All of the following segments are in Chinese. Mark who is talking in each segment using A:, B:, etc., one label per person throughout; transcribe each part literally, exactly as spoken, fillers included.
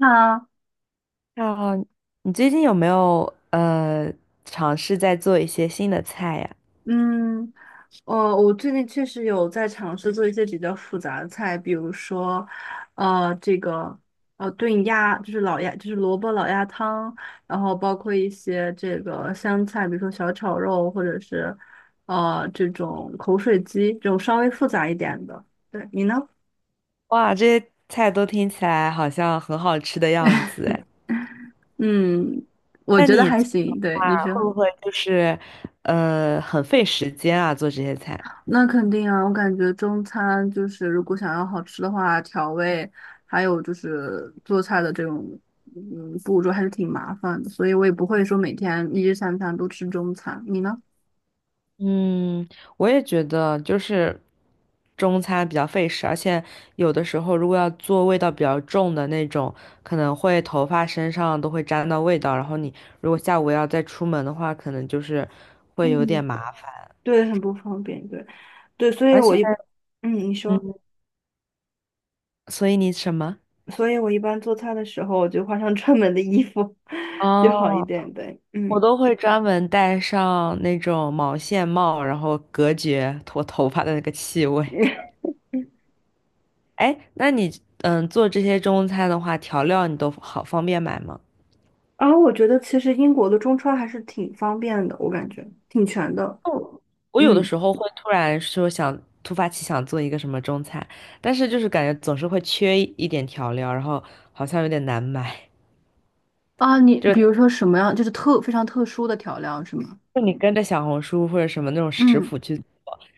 A: 啊，
B: 那你最近有没有呃尝试在做一些新的菜呀？
A: 嗯，呃，我最近确实有在尝试做一些比较复杂的菜，比如说，呃，这个呃炖鸭，就是老鸭，就是萝卜老鸭汤，然后包括一些这个湘菜，比如说小炒肉，或者是呃这种口水鸡，这种稍微复杂一点的。对，你呢？
B: 哇，这些菜都听起来好像很好吃的样子 哎。
A: 嗯，我
B: 那
A: 觉得
B: 你
A: 还
B: 做的
A: 行。对，
B: 话
A: 你说。
B: 会不会就是呃很费时间啊？做这些菜？
A: 那肯定啊，我感觉中餐就是如果想要好吃的话，调味还有就是做菜的这种嗯步骤还是挺麻烦的，所以我也不会说每天一日三餐都吃中餐。你呢？
B: 嗯，我也觉得就是中餐比较费时，而且有的时候如果要做味道比较重的那种，可能会头发身上都会沾到味道，然后你如果下午要再出门的话，可能就是会有
A: 嗯，
B: 点麻烦。
A: 对，很不方便，对，对，所以
B: 而且，
A: 我一，嗯，你说，
B: 嗯，所以你什么？
A: 所以我一般做菜的时候，我就换上专门的衣服 就好一
B: 哦，
A: 点，呗。
B: 我
A: 嗯，
B: 都会专门戴上那种毛线帽，然后隔绝我头发的那个气味。哎，那你嗯做这些中餐的话，调料你都好方便买吗？
A: 然后我觉得其实英国的中餐还是挺方便的，我感觉挺全的，
B: 哦我有的
A: 嗯。
B: 时候会突然说想突发奇想做一个什么中餐，但是就是感觉总是会缺一一点调料，然后好像有点难买。
A: 啊，你
B: 就
A: 比如说什么样，就是特非常特殊的调料是吗？
B: 就你跟着小红书或者什么那种食
A: 嗯，
B: 谱去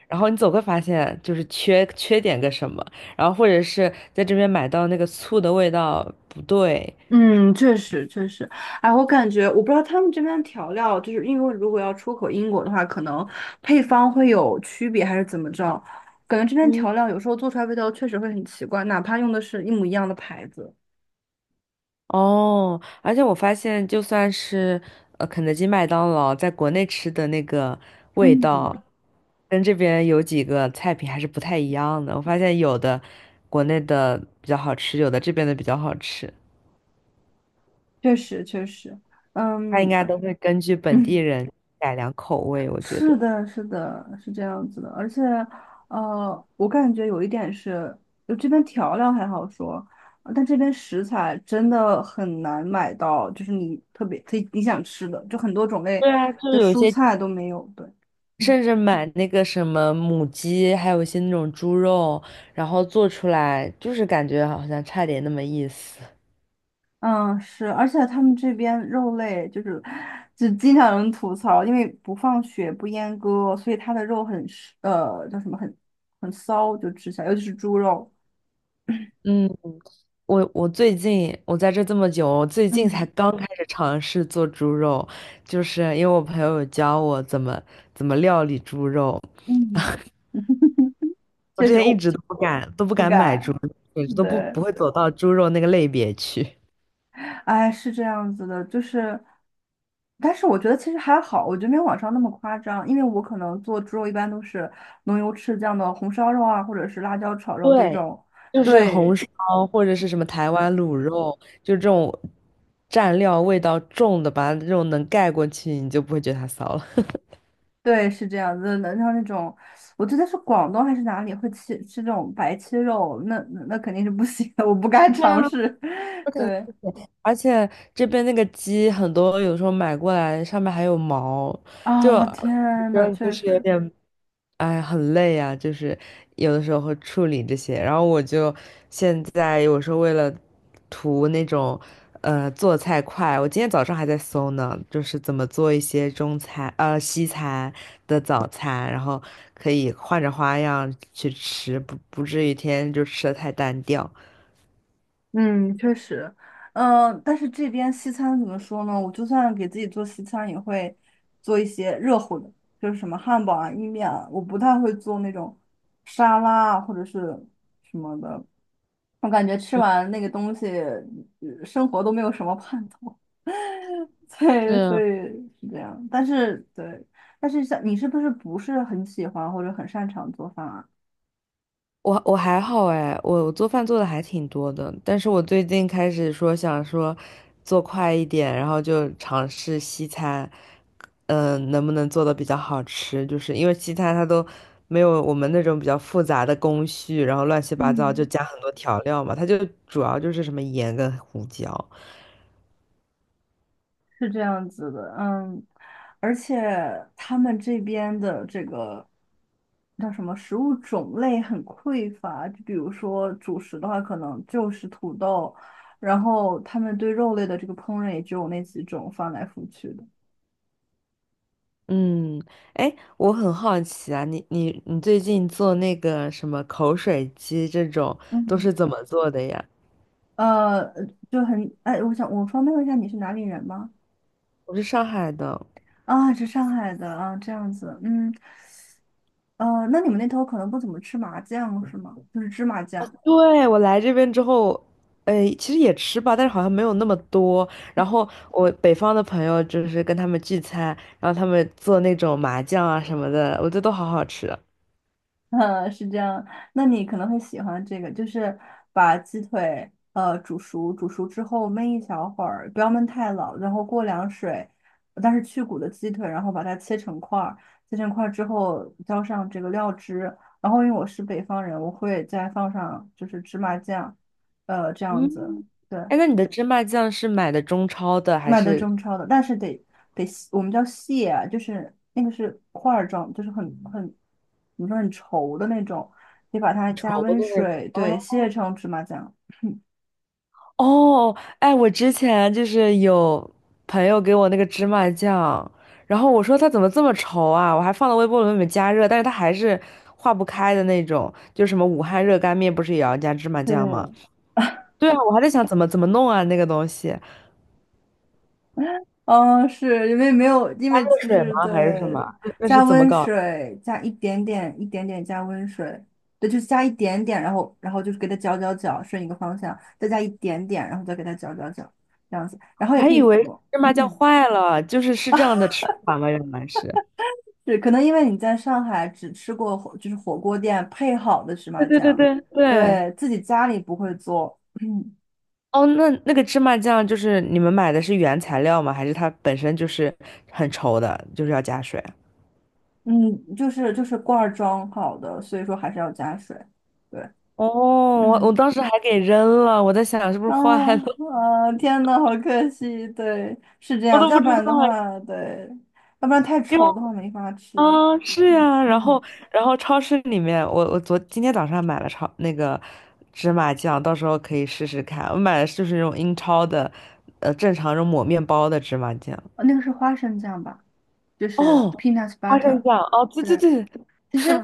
B: 然后你总会发现就是缺缺点个什么，然后或者是在这边买到那个醋的味道不对
A: 嗯，确实确实，哎，我感觉我不知道他们这边的调料，就是因为如果要出口英国的话，可能配方会有区别还是怎么着？感觉这边
B: 嗯，
A: 调料有时候做出来味道确实会很奇怪，哪怕用的是一模一样的牌子。
B: 哦，而且我发现就算是呃肯德基、麦当劳在国内吃的那个味道，
A: 嗯，
B: 跟这边有几个菜品还是不太一样的。我发现有的国内的比较好吃，有的这边的比较好吃，
A: 确实确实，
B: 它应
A: 嗯
B: 该都会根据 本地
A: 嗯，
B: 人改良口味，我觉得。
A: 是的，是的，是这样子的，而且，呃，我感觉有一点是，就这边调料还好说，呃但这边食材真的很难买到，就是你特别可以你想吃的，就很多种类
B: 对啊，就是
A: 的
B: 有一
A: 蔬
B: 些。
A: 菜都没有。对，嗯，
B: 甚至买那个什么母鸡，还有一些那种猪肉，然后做出来，就是感觉好像差点那么意思。
A: 嗯是，而且他们这边肉类就是，就经常有人吐槽，因为不放血不阉割，所以它的肉很是呃，叫什么很很骚，就吃起来，尤其是猪肉。
B: 嗯，我我最近我在这这么久，我最近才
A: 嗯
B: 刚开始尝试做猪肉，就是因为我朋友有教我怎么怎么料理猪肉，
A: 嗯，
B: 我
A: 确
B: 之
A: 实，
B: 前一
A: 我
B: 直都不敢都不
A: 不
B: 敢买猪肉，
A: 敢，
B: 简直都不
A: 对，
B: 不会走到猪肉那个类别去。
A: 哎，是这样子的，就是，但是我觉得其实还好，我觉得没有网上那么夸张，因为我可能做猪肉一般都是浓油赤酱的红烧肉啊，或者是辣椒炒肉这
B: 对，
A: 种，
B: 就是红
A: 对，
B: 烧或者是什么台
A: 对，
B: 湾卤肉，就这种蘸料味道重的，把它这种能盖过去，你就不会觉得它骚了。
A: 对，是这样子的。像那种，我记得是广东还是哪里会吃吃这种白切肉，那那那肯定是不行的，我不敢
B: 对啊，
A: 尝试。
B: 我 感觉
A: 对，
B: 而且这边那个鸡很多，有时候买过来上面还有毛，就
A: 啊，
B: 我
A: 天
B: 觉
A: 呐，
B: 得就
A: 确
B: 是有
A: 实。
B: 点哎，很累啊，就是有的时候会处理这些，然后我就现在有时候为了图那种呃做菜快，我今天早上还在搜呢，就是怎么做一些中餐呃西餐的早餐，然后可以换着花样去吃，不不至于天天就吃的太单调。
A: 嗯，确实，嗯，但是这边西餐怎么说呢？我就算给自己做西餐，也会做一些热乎的，就是什么汉堡啊、意面啊，我不太会做那种沙拉啊或者是什么的。我感觉吃完那个东西，呃生活都没有什么盼头。对，所以
B: 是
A: 是这样。但是对，但是像你是不是不是很喜欢或者很擅长做饭啊？
B: 我我还好哎，我我做饭做的还挺多的，但是我最近开始说想说做快一点，然后就尝试西餐，嗯、能不能做的比较好吃？就是因为西餐它都没有我们那种比较复杂的工序，然后乱七八糟就
A: 嗯。
B: 加很多调料嘛，它就主要就是什么盐跟胡椒。
A: 是这样子的，嗯，而且他们这边的这个叫什么食物种类很匮乏，就比如说主食的话，可能就是土豆，然后他们对肉类的这个烹饪也只有那几种，翻来覆去的。
B: 嗯，哎，我很好奇啊，你你你最近做那个什么口水鸡这种都
A: 嗯，
B: 是怎么做的呀？
A: 呃，就很，哎，我想我方便问一下你是哪里人吗？
B: 我是上海的。
A: 啊，是上海的啊，这样子，嗯，呃，那你们那头可能不怎么吃麻酱是吗？就是芝麻酱。
B: 对，我来这边之后，呃，其实也吃吧，但是好像没有那么多。然后我北方的朋友就是跟他们聚餐，然后他们做那种麻酱啊什么的，我觉得都好好吃。
A: 嗯，是这样。那你可能会喜欢这个，就是把鸡腿呃煮熟，煮熟之后焖一小会儿，不要焖太老，然后过凉水，但是去骨的鸡腿，然后把它切成块儿，切成块儿之后浇上这个料汁，然后因为我是北方人，我会再放上就是芝麻酱，呃，这样
B: 嗯，
A: 子。对。
B: 哎，那你的芝麻酱是买的中超的还
A: 卖的
B: 是
A: 中超的，但是得得细我们叫蟹啊，就是那个是块儿状，就是很很怎么说很稠的那种，得把它
B: 稠
A: 加
B: 的
A: 温
B: 那种？
A: 水，对，蟹成芝麻酱。
B: 哦，哎，我之前就是有朋友给我那个芝麻酱，然后我说它怎么这么稠啊？我还放到微波炉里面加热，但是它还是化不开的那种。就什么武汉热干面不是也要加芝麻
A: 对，
B: 酱吗？对啊，我还在想怎么怎么弄啊那个东西，热
A: 嗯，是因为没有，因为就
B: 水
A: 是
B: 吗
A: 对，
B: 还是什么？那那是
A: 加
B: 怎么
A: 温
B: 搞的
A: 水，加一点点，一点点加温水，对，就是加一点点，然后然后就是给它搅搅搅，顺一个方向，再加一点点，然后再给它搅搅搅，这样子，然后
B: 我
A: 也
B: 还
A: 可以
B: 以为
A: 敷，
B: 芝麻酱
A: 嗯。
B: 坏了，就是是这样的吃法吗？原来是。
A: 对，可能因为你在上海只吃过火，就是火锅店配好的芝
B: 对
A: 麻
B: 对对
A: 酱，
B: 对对。
A: 对，自己家里不会做，
B: 哦，那那个芝麻酱就是你们买的是原材料吗？还是它本身就是很稠的，就是要加水？
A: 嗯，就是就是罐儿装好的，所以说还是要加水，对，
B: 哦，我我
A: 嗯，
B: 当时还给扔了，我在想是不是
A: 啊
B: 坏了，
A: 啊，天呐，好可惜，对，是这
B: 我
A: 样，
B: 都
A: 要
B: 不
A: 不
B: 知道
A: 然的
B: 哎，
A: 话，对，要不然太
B: 因为
A: 稠的话没法吃，
B: 啊是
A: 嗯
B: 呀，然
A: 嗯，
B: 后然后超市里面，我我昨今天早上买了超那个芝麻酱，到时候可以试试看。我买的就是那种英超的，呃，正常那种抹面包的芝麻酱。
A: 啊那个是花生酱吧，就是
B: 哦，
A: peanut
B: 花生
A: butter,
B: 酱，哦，对对
A: 对。
B: 对，
A: 其实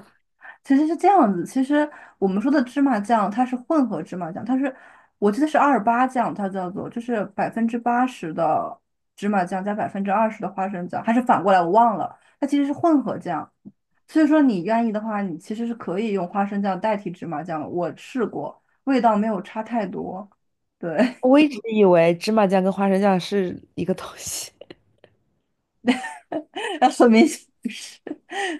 A: 其实是这样子，其实我们说的芝麻酱，它是混合芝麻酱，它是我记得是二八酱，它叫做就是百分之八十的芝麻酱加百分之二十的花生酱，还是反过来我忘了，它其实是混合酱。所以说你愿意的话，你其实是可以用花生酱代替芝麻酱的我试过，味道没有差太多。对，
B: 我一直以为芝麻酱跟花生酱是一个东西，
A: 那说明显。是。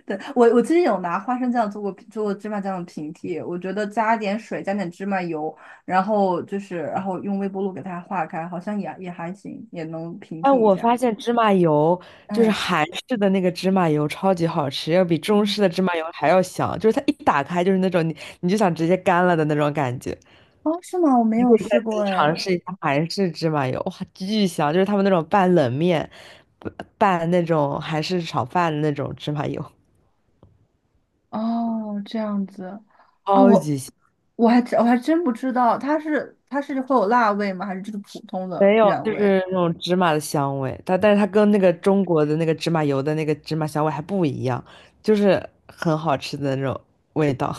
A: 对，我我之前有拿花生酱做过做过芝麻酱的平替，我觉得加点水，加点芝麻油，然后就是然后用微波炉给它化开，好像也也还行，也能平
B: 哎，
A: 替一
B: 我
A: 下。
B: 发现芝麻油就是
A: 嗯
B: 韩式的那个芝麻油超级好吃，要比中
A: 嗯，
B: 式的芝麻油还要香，就是它一打开就是那种你你就想直接干了的那种感觉。
A: 哦，是吗？我没
B: 你可
A: 有
B: 以下
A: 试过
B: 次尝
A: 哎。
B: 试一下韩式芝麻油，哇，巨香！就是他们那种拌冷面、拌拌那种韩式炒饭的那种芝麻油，
A: 哦，这样子，啊，
B: 超
A: 我
B: 级香。
A: 我还真我还真不知道，它是它是会有辣味吗？还是就是普通的
B: 没有，
A: 原
B: 就
A: 味？
B: 是那种芝麻的香味，它但是它跟那个中国的那个芝麻油的那个芝麻香味还不一样，就是很好吃的那种味道。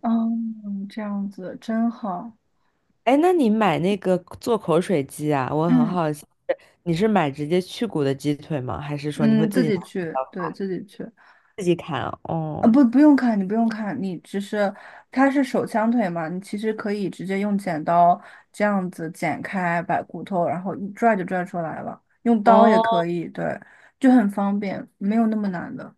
A: 嗯，这样子真好，
B: 哎，那你买那个做口水鸡啊？我很
A: 嗯
B: 好奇，你是买直接去骨的鸡腿吗？还是说你会
A: 嗯，
B: 自
A: 自
B: 己
A: 己
B: 拿
A: 去，对
B: 呃
A: 自己去。
B: 自己砍啊
A: 啊，
B: 哦
A: 不，不用看，你不用看，你只是它是手枪腿嘛，你其实可以直接用剪刀这样子剪开，把骨头然后一拽就拽出来了，用刀也
B: 哦，
A: 可以，对，就很方便，没有那么难的。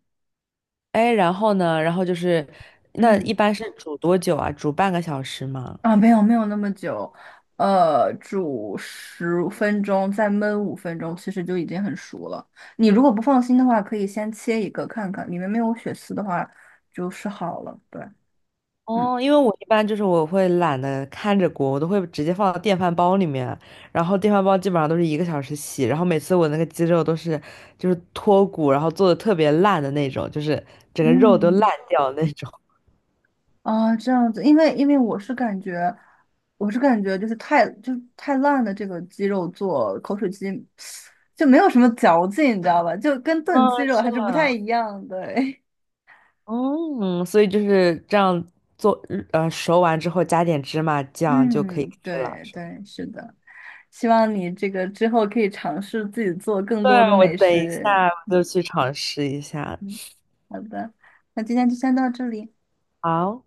B: 哎，然后呢？然后就是，那一
A: 嗯，
B: 般是煮多久啊？煮半个小时吗？
A: 啊，没有没有那么久，呃，煮十分钟，再焖五分钟，其实就已经很熟了。你如果不放心的话，可以先切一个看看，里面没有血丝的话，就是好了。对，嗯。
B: 哦，因为我一般就是我会懒得看着锅，我都会直接放到电饭煲里面，然后电饭煲基本上都是一个小时洗，然后每次我那个鸡肉都是就是脱骨，然后做的特别烂的那种，就是整个肉都烂
A: 嗯。
B: 掉的那种。
A: 啊，这样子，因为因为我是感觉，我是感觉就是太就是太烂的这个鸡肉做口水鸡，就没有什么嚼劲，你知道吧？就跟炖鸡
B: 啊，
A: 肉
B: 是
A: 还是不太
B: 的，
A: 一样对，
B: 嗯，所以就是这样做，呃，熟完之后加点芝麻 酱就可以
A: 嗯，
B: 吃了，
A: 对
B: 是吗？
A: 对，是的，希望你这个之后可以尝试自己做更
B: 对，
A: 多的
B: 我
A: 美
B: 等一
A: 食。
B: 下我就去尝试一下。
A: 嗯，好的，那今天就先到这里。
B: 好。